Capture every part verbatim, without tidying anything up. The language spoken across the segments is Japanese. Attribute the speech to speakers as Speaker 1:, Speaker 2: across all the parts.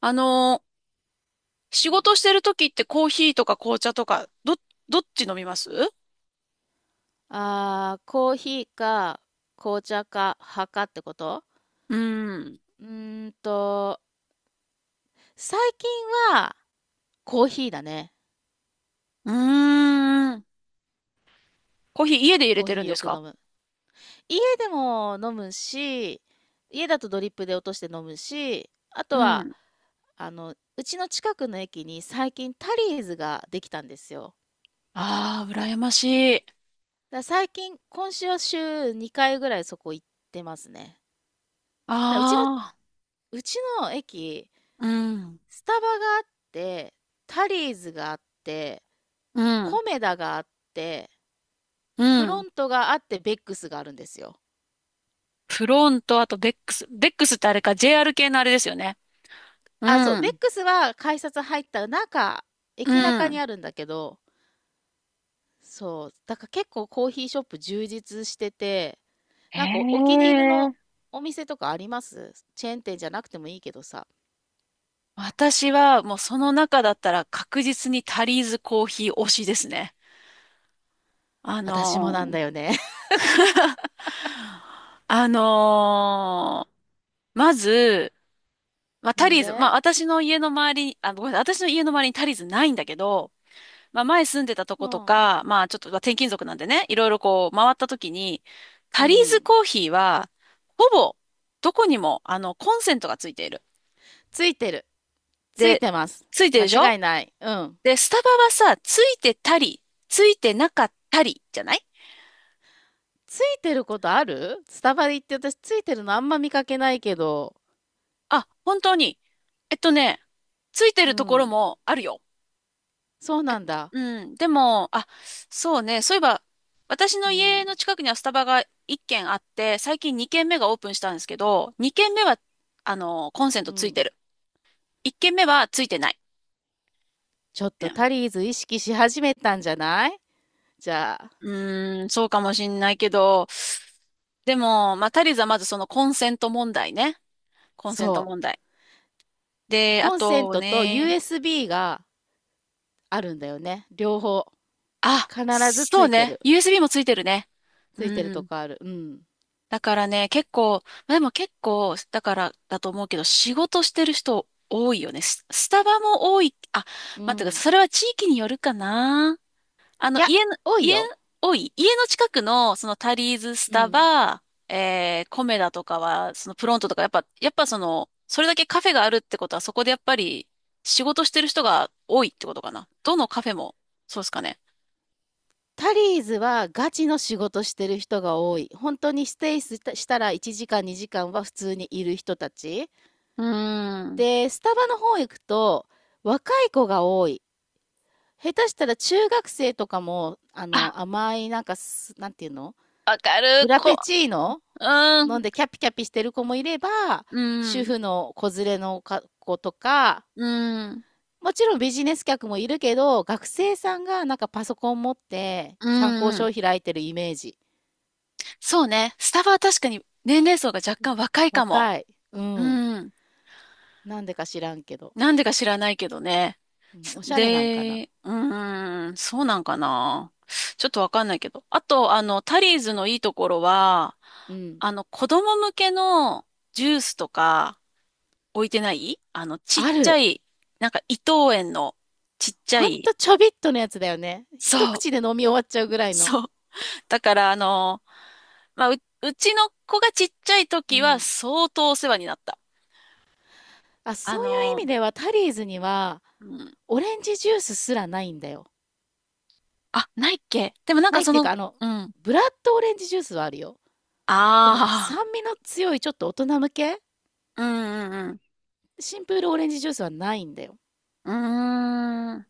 Speaker 1: あのー
Speaker 2: う
Speaker 1: 仕
Speaker 2: ん。
Speaker 1: 事してる時ってコーヒーとか紅茶とか、ど、どっち飲みます？う
Speaker 2: あー、コーヒーか紅茶か派かってこと
Speaker 1: ーん。
Speaker 2: うーんと、最近はコーヒーだね。
Speaker 1: うーん。コーヒー家で入れ
Speaker 2: コー
Speaker 1: て
Speaker 2: ヒ
Speaker 1: るん
Speaker 2: ー
Speaker 1: で
Speaker 2: よ
Speaker 1: す
Speaker 2: く
Speaker 1: か？
Speaker 2: 飲む。家でも飲むし、家だとドリップで落として飲むし、あと
Speaker 1: う
Speaker 2: は、
Speaker 1: ん。
Speaker 2: あの、うちの近くの駅に最近タリーズができたんですよ。
Speaker 1: ああ、羨ましい。
Speaker 2: だから最近、今週は週にかいぐらいそこ行ってますね。だからうちの、
Speaker 1: ああ、
Speaker 2: うちの駅、
Speaker 1: うん。
Speaker 2: スタバがあって、タリーズがあって、
Speaker 1: うん。
Speaker 2: コメダがあって、
Speaker 1: う
Speaker 2: プロ
Speaker 1: ん。
Speaker 2: ントがあって、ベックスがあるんですよ。
Speaker 1: フロント、あとベックス。ベックスってあれか、ジェーアール 系のあれですよね。
Speaker 2: あ、そう、
Speaker 1: う
Speaker 2: ベッ
Speaker 1: ん。
Speaker 2: クスは改札入った中、
Speaker 1: う
Speaker 2: 駅中に
Speaker 1: ん。
Speaker 2: あるんだけど、そう、だから結構コーヒーショップ充実してて、
Speaker 1: へ
Speaker 2: なんかお気に入りの
Speaker 1: え。
Speaker 2: お店とかありますチェーン店じゃなくてもいいけどさ。
Speaker 1: 私はもうその中だったら確実にタリーズコーヒー推しですね。あ
Speaker 2: 私もなん
Speaker 1: の
Speaker 2: だよね。
Speaker 1: あのーまず、まあ、タ
Speaker 2: なん
Speaker 1: リーズ、ま
Speaker 2: で？
Speaker 1: あ、私の家の周りに、あ、ごめんなさい、私の家の周りにタリーズないんだけど、まあ、前住んでたと
Speaker 2: う
Speaker 1: こと
Speaker 2: ん。
Speaker 1: か、まあ、ちょっと、まあ、転勤族なんでね、いろいろこう、回った時に、
Speaker 2: う
Speaker 1: タリーズ
Speaker 2: ん。
Speaker 1: コーヒーは、ほぼ、どこにも、あの、コンセントがついている。
Speaker 2: ついてる。つい
Speaker 1: で、
Speaker 2: てます。
Speaker 1: ついてるでし
Speaker 2: 間
Speaker 1: ょ？
Speaker 2: 違いない。うん。
Speaker 1: で、スタバはさ、ついてたり、ついてなかったり、じゃない？
Speaker 2: ついてることある？スタバで行って私ついてるのあんま見かけないけど。
Speaker 1: あ、本当に。えっとね、ついて
Speaker 2: う
Speaker 1: るところ
Speaker 2: ん。
Speaker 1: もあるよ。
Speaker 2: そう
Speaker 1: あ、
Speaker 2: なんだ。
Speaker 1: うん。でも、あ、そうね。そういえば、私
Speaker 2: う
Speaker 1: の
Speaker 2: ん、
Speaker 1: 家の近くにはスタバがいっけん軒あって、最近にけんめ軒目がオープンしたんですけど、にけんめ軒目は、あの、コンセン
Speaker 2: う
Speaker 1: トつい
Speaker 2: ん。
Speaker 1: てる。いっけんめ軒目はついてない。
Speaker 2: ちょっ
Speaker 1: う
Speaker 2: と
Speaker 1: ん。
Speaker 2: タリーズ意識し始めたんじゃない？じゃあ、
Speaker 1: うーん、そうかもしんないけど、でも、まあ、足りずはまずそのコンセント問題ね。コンセン
Speaker 2: そ
Speaker 1: ト
Speaker 2: う。
Speaker 1: 問題。で、あ
Speaker 2: コンセン
Speaker 1: と
Speaker 2: トと
Speaker 1: ね、
Speaker 2: ユーエスビー があるんだよね。両方。
Speaker 1: あ、
Speaker 2: 必ずつ
Speaker 1: そう
Speaker 2: いて
Speaker 1: ね。
Speaker 2: る。
Speaker 1: ユーエスビー もついてるね。う
Speaker 2: ついてると
Speaker 1: ん。
Speaker 2: こある。うん。
Speaker 1: だからね、結構、まあでも結構、だからだと思うけど、仕事してる人多いよね。ス、スタバも多い。あ、
Speaker 2: う
Speaker 1: 待ってください。
Speaker 2: ん。
Speaker 1: それは地域によるかな。あ
Speaker 2: い
Speaker 1: の、
Speaker 2: や、
Speaker 1: 家の、
Speaker 2: 多い
Speaker 1: 家、
Speaker 2: よ。
Speaker 1: 多い。家の近くの、そのタリーズ、ス
Speaker 2: う
Speaker 1: タ
Speaker 2: ん。
Speaker 1: バ、えー、コメダとかは、そのプロントとか、やっぱ、やっぱその、それだけカフェがあるってことは、そこでやっぱり仕事してる人が多いってことかな。どのカフェも、そうですかね。
Speaker 2: タリーズはガチの仕事してる人が多い。本当にステイしたしたらいちじかんにじかんは普通にいる人たち。
Speaker 1: うーん。
Speaker 2: で、スタバの方行くと若い子が多い。下手したら中学生とかも、あ
Speaker 1: あ、
Speaker 2: の、甘い、なんかす、なんていうの？
Speaker 1: わか
Speaker 2: フ
Speaker 1: る。
Speaker 2: ラ
Speaker 1: こ、
Speaker 2: ペチーノ
Speaker 1: うー
Speaker 2: 飲
Speaker 1: ん、
Speaker 2: んでキャピキャピしてる子もいれば、
Speaker 1: うー
Speaker 2: 主
Speaker 1: ん。
Speaker 2: 婦の子連れのか子とか、
Speaker 1: うん、
Speaker 2: もちろんビジネス客もいるけど、学生さんがなんかパソコン持って
Speaker 1: う
Speaker 2: 参考
Speaker 1: ん、う
Speaker 2: 書
Speaker 1: ん。
Speaker 2: を開いてるイメージ。
Speaker 1: そうね。スタバは確かに年齢層が若干若いかも。
Speaker 2: 若い。う
Speaker 1: う
Speaker 2: ん。
Speaker 1: ん。
Speaker 2: なんでか知らんけど。
Speaker 1: なんでか知らないけどね。
Speaker 2: うん、おしゃれなんかな。
Speaker 1: で、うん、そうなんかな。ちょっとわかんないけど。あと、あの、タリーズのいいところは、
Speaker 2: うん。
Speaker 1: あの、子供向けのジュースとか置いてない？あの、ちっ
Speaker 2: あ
Speaker 1: ちゃ
Speaker 2: る。
Speaker 1: い、なんか伊藤園のちっちゃ
Speaker 2: ほん
Speaker 1: い、
Speaker 2: とちょびっとのやつだよね。
Speaker 1: そ
Speaker 2: 一
Speaker 1: う、
Speaker 2: 口で飲み終わっちゃうぐらいの。
Speaker 1: そう。だから、あの、まあ、う、うちの子がちっちゃい
Speaker 2: う
Speaker 1: 時は
Speaker 2: ん。
Speaker 1: 相当お世話になった。
Speaker 2: あ、
Speaker 1: あ
Speaker 2: そういう意味
Speaker 1: の、
Speaker 2: ではタリーズには
Speaker 1: うん。
Speaker 2: オレンジジュースすらないんだよ。
Speaker 1: あ、ないっけ？でもなん
Speaker 2: な
Speaker 1: か
Speaker 2: いっ
Speaker 1: そ
Speaker 2: ていうか、
Speaker 1: の、
Speaker 2: あの、
Speaker 1: うん。
Speaker 2: ブラッドオレンジジュースはあるよ。でも
Speaker 1: あ
Speaker 2: 酸味の強いちょっと大人向け
Speaker 1: あ、うんうん
Speaker 2: シンプルオレンジジュースはないんだよ。
Speaker 1: うん。うーん。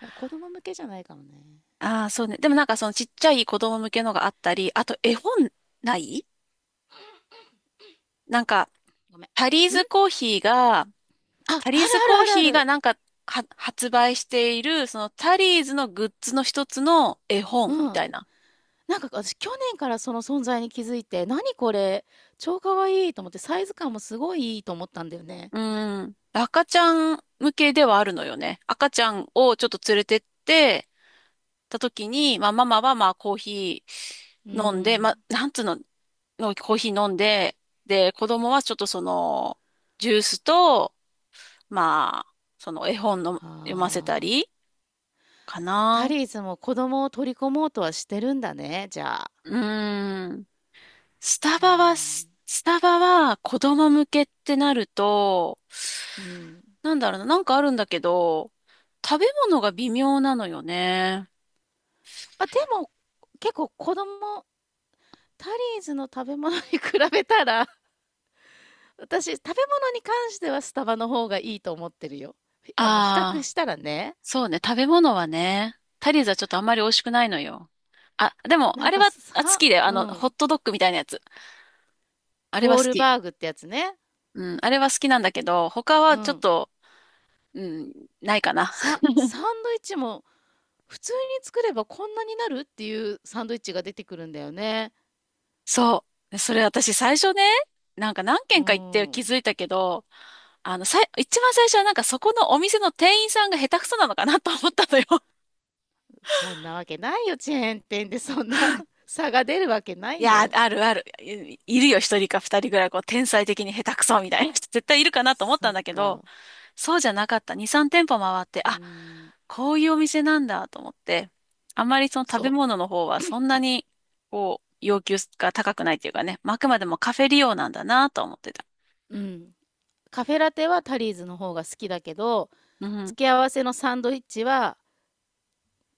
Speaker 2: だから子供向けじゃないかもね。
Speaker 1: ああ、そうね。でもなんかそのちっちゃい子供向けのがあったり、あと絵本ない？なんか、
Speaker 2: ごめ
Speaker 1: タリー
Speaker 2: ん。ん、
Speaker 1: ズコーヒーが、
Speaker 2: あ、ある
Speaker 1: タリーズコー
Speaker 2: あるあ
Speaker 1: ヒ
Speaker 2: る
Speaker 1: ー
Speaker 2: あ
Speaker 1: が
Speaker 2: る。
Speaker 1: なんか、は、発売している、そのタリーズのグッズの一つの絵
Speaker 2: う
Speaker 1: 本みた
Speaker 2: ん。
Speaker 1: いな。
Speaker 2: なんか私去年からその存在に気づいて、何これ、超かわいいと思ってサイズ感もすごいいいと思ったんだよね。
Speaker 1: うん。赤ちゃん向けではあるのよね。赤ちゃんをちょっと連れてってた時に、まあママはまあコーヒ
Speaker 2: う
Speaker 1: ー飲んで、まあ
Speaker 2: ん。
Speaker 1: なんつうの、のコーヒー飲んで、で、子供はちょっとその、ジュースと、まあ、その絵本の
Speaker 2: は
Speaker 1: 読ませた
Speaker 2: あ。
Speaker 1: りか
Speaker 2: タ
Speaker 1: な。
Speaker 2: リーズも子供を取り込もうとはしてるんだね、じゃあ。
Speaker 1: うーん。スタ
Speaker 2: うー
Speaker 1: バは、
Speaker 2: ん、
Speaker 1: ススタバは子供向けってなると、
Speaker 2: うん。
Speaker 1: なんだろうな、なんかあるんだけど、食べ物が微妙なのよね。
Speaker 2: あ、でも、結構子供タリーズの食べ物に比べたら、私、食べ物に関してはスタバの方がいいと思ってるよ。ひあの、比較
Speaker 1: ああ、
Speaker 2: したらね、
Speaker 1: そうね、食べ物はね、タリーズはちょっとあんまり美味しくないのよ。あ、でも、
Speaker 2: な
Speaker 1: あ
Speaker 2: ん
Speaker 1: れ
Speaker 2: か
Speaker 1: は、あ、好
Speaker 2: さ、
Speaker 1: きで、あ
Speaker 2: う
Speaker 1: の、ホッ
Speaker 2: ん、
Speaker 1: トドッグみたいなやつ。あれは
Speaker 2: ボー
Speaker 1: 好
Speaker 2: ル
Speaker 1: き。
Speaker 2: バーグってやつね。
Speaker 1: うん、あれは好きなんだけど、他
Speaker 2: う
Speaker 1: はちょっ
Speaker 2: ん。
Speaker 1: と、うん、ないかな。
Speaker 2: さ、サンドイッチも普通に作ればこんなになるっていうサンドイッチが出てくるんだよね。
Speaker 1: そう。それ私最初ね、なんか何
Speaker 2: う
Speaker 1: 軒か行って気
Speaker 2: ん。
Speaker 1: づいたけど、あの、さい、一番最初はなんかそこのお店の店員さんが下手くそなのかなと思ったのよ。
Speaker 2: そんなわけないよ、チェーン店でそんな 差が出るわけな
Speaker 1: い
Speaker 2: い
Speaker 1: や、
Speaker 2: よ。
Speaker 1: あるある。い、いるよ、一人か二人ぐらい、こう、天才的に下手くそみたいな人、絶対いるかなと思った
Speaker 2: そ
Speaker 1: ん
Speaker 2: っ
Speaker 1: だけど、
Speaker 2: か。
Speaker 1: そうじゃなかった。二、三店舗回って、
Speaker 2: うー
Speaker 1: あ、
Speaker 2: ん、
Speaker 1: こういうお店なんだと思って、あんまりその食べ
Speaker 2: そ
Speaker 1: 物の方はそんなに、こう、要求が高くないっていうかね、まああくまでもカフェ利用なんだなと思ってた。
Speaker 2: う、うん。カフェラテはタリーズの方が好きだけど、
Speaker 1: うん、
Speaker 2: 付け合わせのサンドイッチは、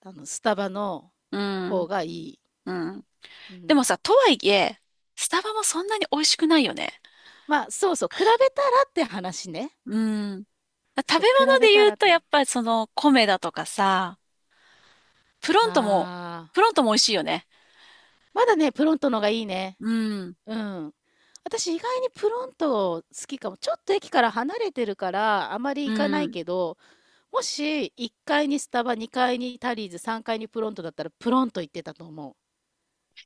Speaker 2: あの、スタバの
Speaker 1: う
Speaker 2: 方
Speaker 1: ん、
Speaker 2: がいい。
Speaker 1: うん。
Speaker 2: う
Speaker 1: で
Speaker 2: ん。
Speaker 1: もさ、とはいえ、スタバもそんなに美味しくないよね。
Speaker 2: まあ、そうそう、比べたらって話ね。
Speaker 1: うん。食べ
Speaker 2: そ
Speaker 1: 物
Speaker 2: う、比
Speaker 1: で
Speaker 2: べた
Speaker 1: 言う
Speaker 2: らっ
Speaker 1: と、
Speaker 2: てな。
Speaker 1: やっぱりその、米だとかさ、プロントも、
Speaker 2: ああ、
Speaker 1: プロントも美味しいよね。
Speaker 2: まだね、プロントのがいいね。
Speaker 1: うん。
Speaker 2: うん。私、意外にプロント好きかも。ちょっと駅から離れてるから、あまり
Speaker 1: う
Speaker 2: 行かない
Speaker 1: ん。
Speaker 2: けど、もしいっかいにスタバ、にかいにタリーズ、さんがいにプロントだったら、プロント行ってたと思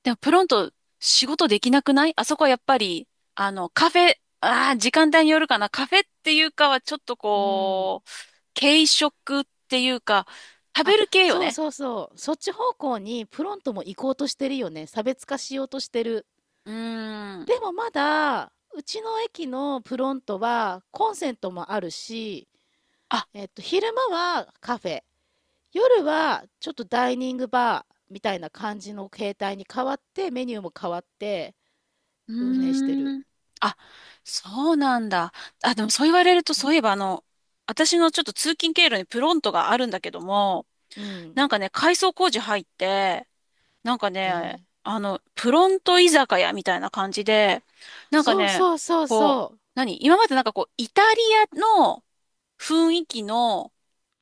Speaker 1: でもプロント仕事できなくない？あそこはやっぱり、あの、カフェ、ああ、時間帯によるかな。カフェっていうかはちょっと
Speaker 2: う。うん。
Speaker 1: こう、軽食っていうか、食べ
Speaker 2: あ、
Speaker 1: る系よ
Speaker 2: そう
Speaker 1: ね。
Speaker 2: そうそう。そっち方向にプロントも行こうとしてるよね。差別化しようとしてる。
Speaker 1: うーん。
Speaker 2: でもまだ、うちの駅のプロントはコンセントもあるし、
Speaker 1: あ、
Speaker 2: えっと、昼間はカフェ、夜はちょっとダイニングバーみたいな感じの形態に変わって、メニューも変わって
Speaker 1: う
Speaker 2: 運営してる。
Speaker 1: ーん。あ、そうなんだ。あ、でもそう言われると、そういえばあの、私のちょっと通勤経路にプロントがあるんだけども、
Speaker 2: う
Speaker 1: な
Speaker 2: ん。
Speaker 1: んかね、改装工事入って、なんか
Speaker 2: へ
Speaker 1: ね、
Speaker 2: え。
Speaker 1: あの、プロント居酒屋みたいな感じで、なんか
Speaker 2: そう
Speaker 1: ね、
Speaker 2: そうそう
Speaker 1: こう、
Speaker 2: そう。
Speaker 1: 何今までなんかこう、イタリアの雰囲気の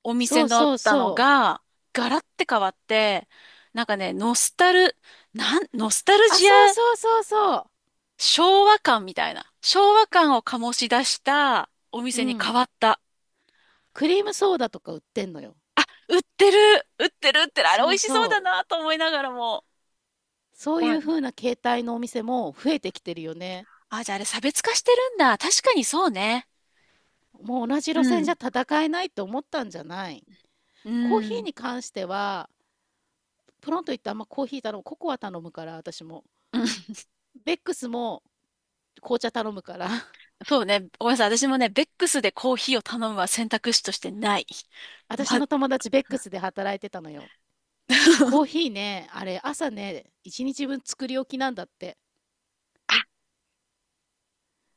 Speaker 1: お
Speaker 2: そ
Speaker 1: 店
Speaker 2: う
Speaker 1: だっ
Speaker 2: そう
Speaker 1: たの
Speaker 2: そう。
Speaker 1: が、ガラッて変わって、なんかね、ノスタル、なん、ノスタル
Speaker 2: あ、
Speaker 1: ジ
Speaker 2: そう
Speaker 1: ア、
Speaker 2: そうそうそう。
Speaker 1: 昭和感みたいな、昭和感を醸し出したお
Speaker 2: う
Speaker 1: 店に変
Speaker 2: ん。
Speaker 1: わった。
Speaker 2: クリームソーダとか売ってんのよ。
Speaker 1: 売ってる、売ってる、売ってる、あれ美
Speaker 2: そ
Speaker 1: 味
Speaker 2: う
Speaker 1: しそうだ
Speaker 2: そう。
Speaker 1: なと思いながらも。
Speaker 2: そう
Speaker 1: う
Speaker 2: いう
Speaker 1: ん。
Speaker 2: 風な形態のお店も増えてきてるよね。
Speaker 1: あ、じゃああれ差別化してるんだ。確かにそうね。
Speaker 2: もう同じ
Speaker 1: う
Speaker 2: 路線じゃ
Speaker 1: ん。
Speaker 2: 戦えないって思ったんじゃない？
Speaker 1: う
Speaker 2: コーヒー
Speaker 1: ん。
Speaker 2: に 関しては、プロンと言ってあんまコーヒー頼む、ココア頼むから、私も。
Speaker 1: うん、
Speaker 2: ベックスも紅茶頼むから。
Speaker 1: そうね。ごめんなさい。私もね、ベックスでコーヒーを頼むは選択肢としてない。
Speaker 2: 私
Speaker 1: ま、
Speaker 2: の友達ベックスで働いてたのよ。コー ヒーね、あれ朝ね、一日分作り置きなんだって。
Speaker 1: あ、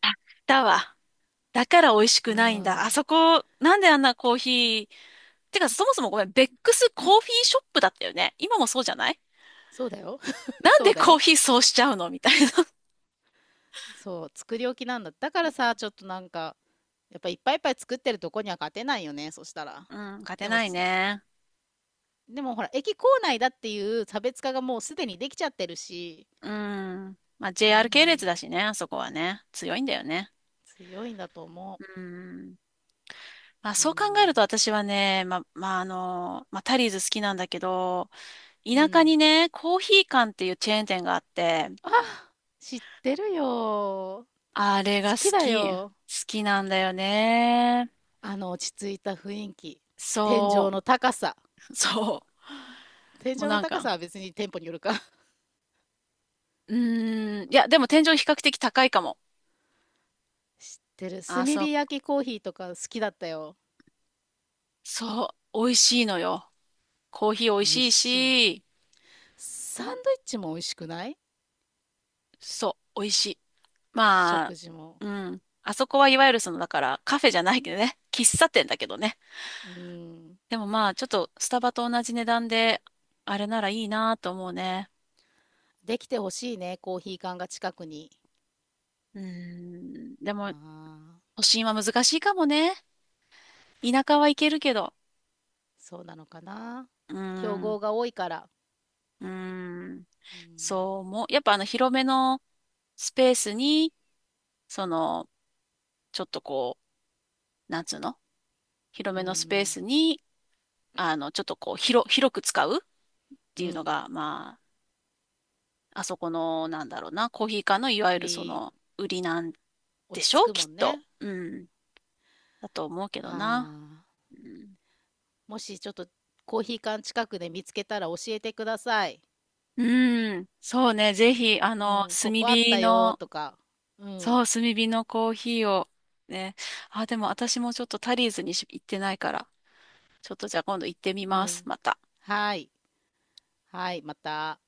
Speaker 1: あ、だわ。だから美味し
Speaker 2: う
Speaker 1: くないんだ。あ
Speaker 2: ん。
Speaker 1: そこ、なんであんなコーヒー？てか、そもそもごめん、ベックスコーヒーショップだったよね。今もそうじゃない？
Speaker 2: そうだよ。
Speaker 1: なん
Speaker 2: そう
Speaker 1: で
Speaker 2: だ
Speaker 1: コー
Speaker 2: よ。
Speaker 1: ヒーそうしちゃうのみたいな。
Speaker 2: そう、作り置きなんだ。だからさ、ちょっとなんか、やっぱいっぱいいっぱい作ってるとこには勝てないよね、そしたら。
Speaker 1: うん、勝て
Speaker 2: でも
Speaker 1: ないね。
Speaker 2: でもほら、駅構内だっていう差別化がもうすでにできちゃってるし、
Speaker 1: うん。まあ、
Speaker 2: う
Speaker 1: ジェーアール 系列だ
Speaker 2: ん、
Speaker 1: しね、あそこはね。強いんだよね。
Speaker 2: 強いんだと思
Speaker 1: うん。まあ、
Speaker 2: う。う
Speaker 1: そう考えると
Speaker 2: ん、
Speaker 1: 私はね、まあ、まあ、あの、まあ、タリーズ好きなんだけど、
Speaker 2: う
Speaker 1: 田舎に
Speaker 2: ん。
Speaker 1: ね、コーヒー館っていうチェーン店があって、
Speaker 2: あ、知ってるよ。
Speaker 1: あれが
Speaker 2: 好き
Speaker 1: 好
Speaker 2: だ
Speaker 1: き。好
Speaker 2: よ。
Speaker 1: きなんだよね。
Speaker 2: あの落ち着いた雰囲気。天
Speaker 1: そ
Speaker 2: 井の高さ。
Speaker 1: う、そ
Speaker 2: 天
Speaker 1: う。
Speaker 2: 井
Speaker 1: もう
Speaker 2: の
Speaker 1: なん
Speaker 2: 高
Speaker 1: か、
Speaker 2: さは別に店舗によるか。
Speaker 1: うーん、いや、でも天井比較的高いかも。
Speaker 2: 知ってる。炭
Speaker 1: あ、そ
Speaker 2: 火
Speaker 1: う、
Speaker 2: 焼きコーヒーとか好きだったよ。
Speaker 1: そう、美味しいのよ。コーヒー美味
Speaker 2: 美味
Speaker 1: しい
Speaker 2: しい。
Speaker 1: し、
Speaker 2: サンドイッチも美味しくない？
Speaker 1: そう、美味しい。まあ、
Speaker 2: 食事も。
Speaker 1: うん。あそこはいわゆるその、だから、カフェじゃないけどね、喫茶店だけどね。
Speaker 2: うん。
Speaker 1: でもまあ、ちょっとスタバと同じ値段で、あれならいいなと思うね。
Speaker 2: できてほしいね、コーヒー缶が近くに。
Speaker 1: うーん。で
Speaker 2: あ
Speaker 1: も、
Speaker 2: あ、
Speaker 1: 都心は難しいかもね。田舎は行けるけど。
Speaker 2: そうなのかな。
Speaker 1: う
Speaker 2: 競
Speaker 1: ーん。
Speaker 2: 合が多いから。
Speaker 1: うーん。
Speaker 2: うん。
Speaker 1: そう思う。やっぱあの、広めのスペースに、その、ちょっとこう、なんつうの広
Speaker 2: う
Speaker 1: めのスペー
Speaker 2: ん。
Speaker 1: スに、あの、ちょっとこう、広、広く使うっ
Speaker 2: う
Speaker 1: ていうの
Speaker 2: ん。
Speaker 1: が、まあ、あそこの、なんだろうな、コーヒー館のいわゆ
Speaker 2: 売
Speaker 1: るそ
Speaker 2: り、
Speaker 1: の、売りなんで
Speaker 2: 落
Speaker 1: し
Speaker 2: ち着
Speaker 1: ょ
Speaker 2: く
Speaker 1: きっ
Speaker 2: もん
Speaker 1: と。
Speaker 2: ね。
Speaker 1: うん。だと思うけど
Speaker 2: あ
Speaker 1: な。
Speaker 2: あ。
Speaker 1: うん、
Speaker 2: もしちょっとコーヒー缶近くで見つけたら教えてください。
Speaker 1: うん、そうね、ぜひ、あ
Speaker 2: う
Speaker 1: の、
Speaker 2: ん。
Speaker 1: 炭
Speaker 2: ここあっ
Speaker 1: 火
Speaker 2: たよ
Speaker 1: の、
Speaker 2: とか。う
Speaker 1: そう、
Speaker 2: ん。
Speaker 1: 炭火のコーヒーを、ね。あ、でも私もちょっとタリーズにし行ってないから、ちょっとじゃあ今度行ってみ
Speaker 2: う
Speaker 1: ます、
Speaker 2: ん。
Speaker 1: また。
Speaker 2: はい。はい。また。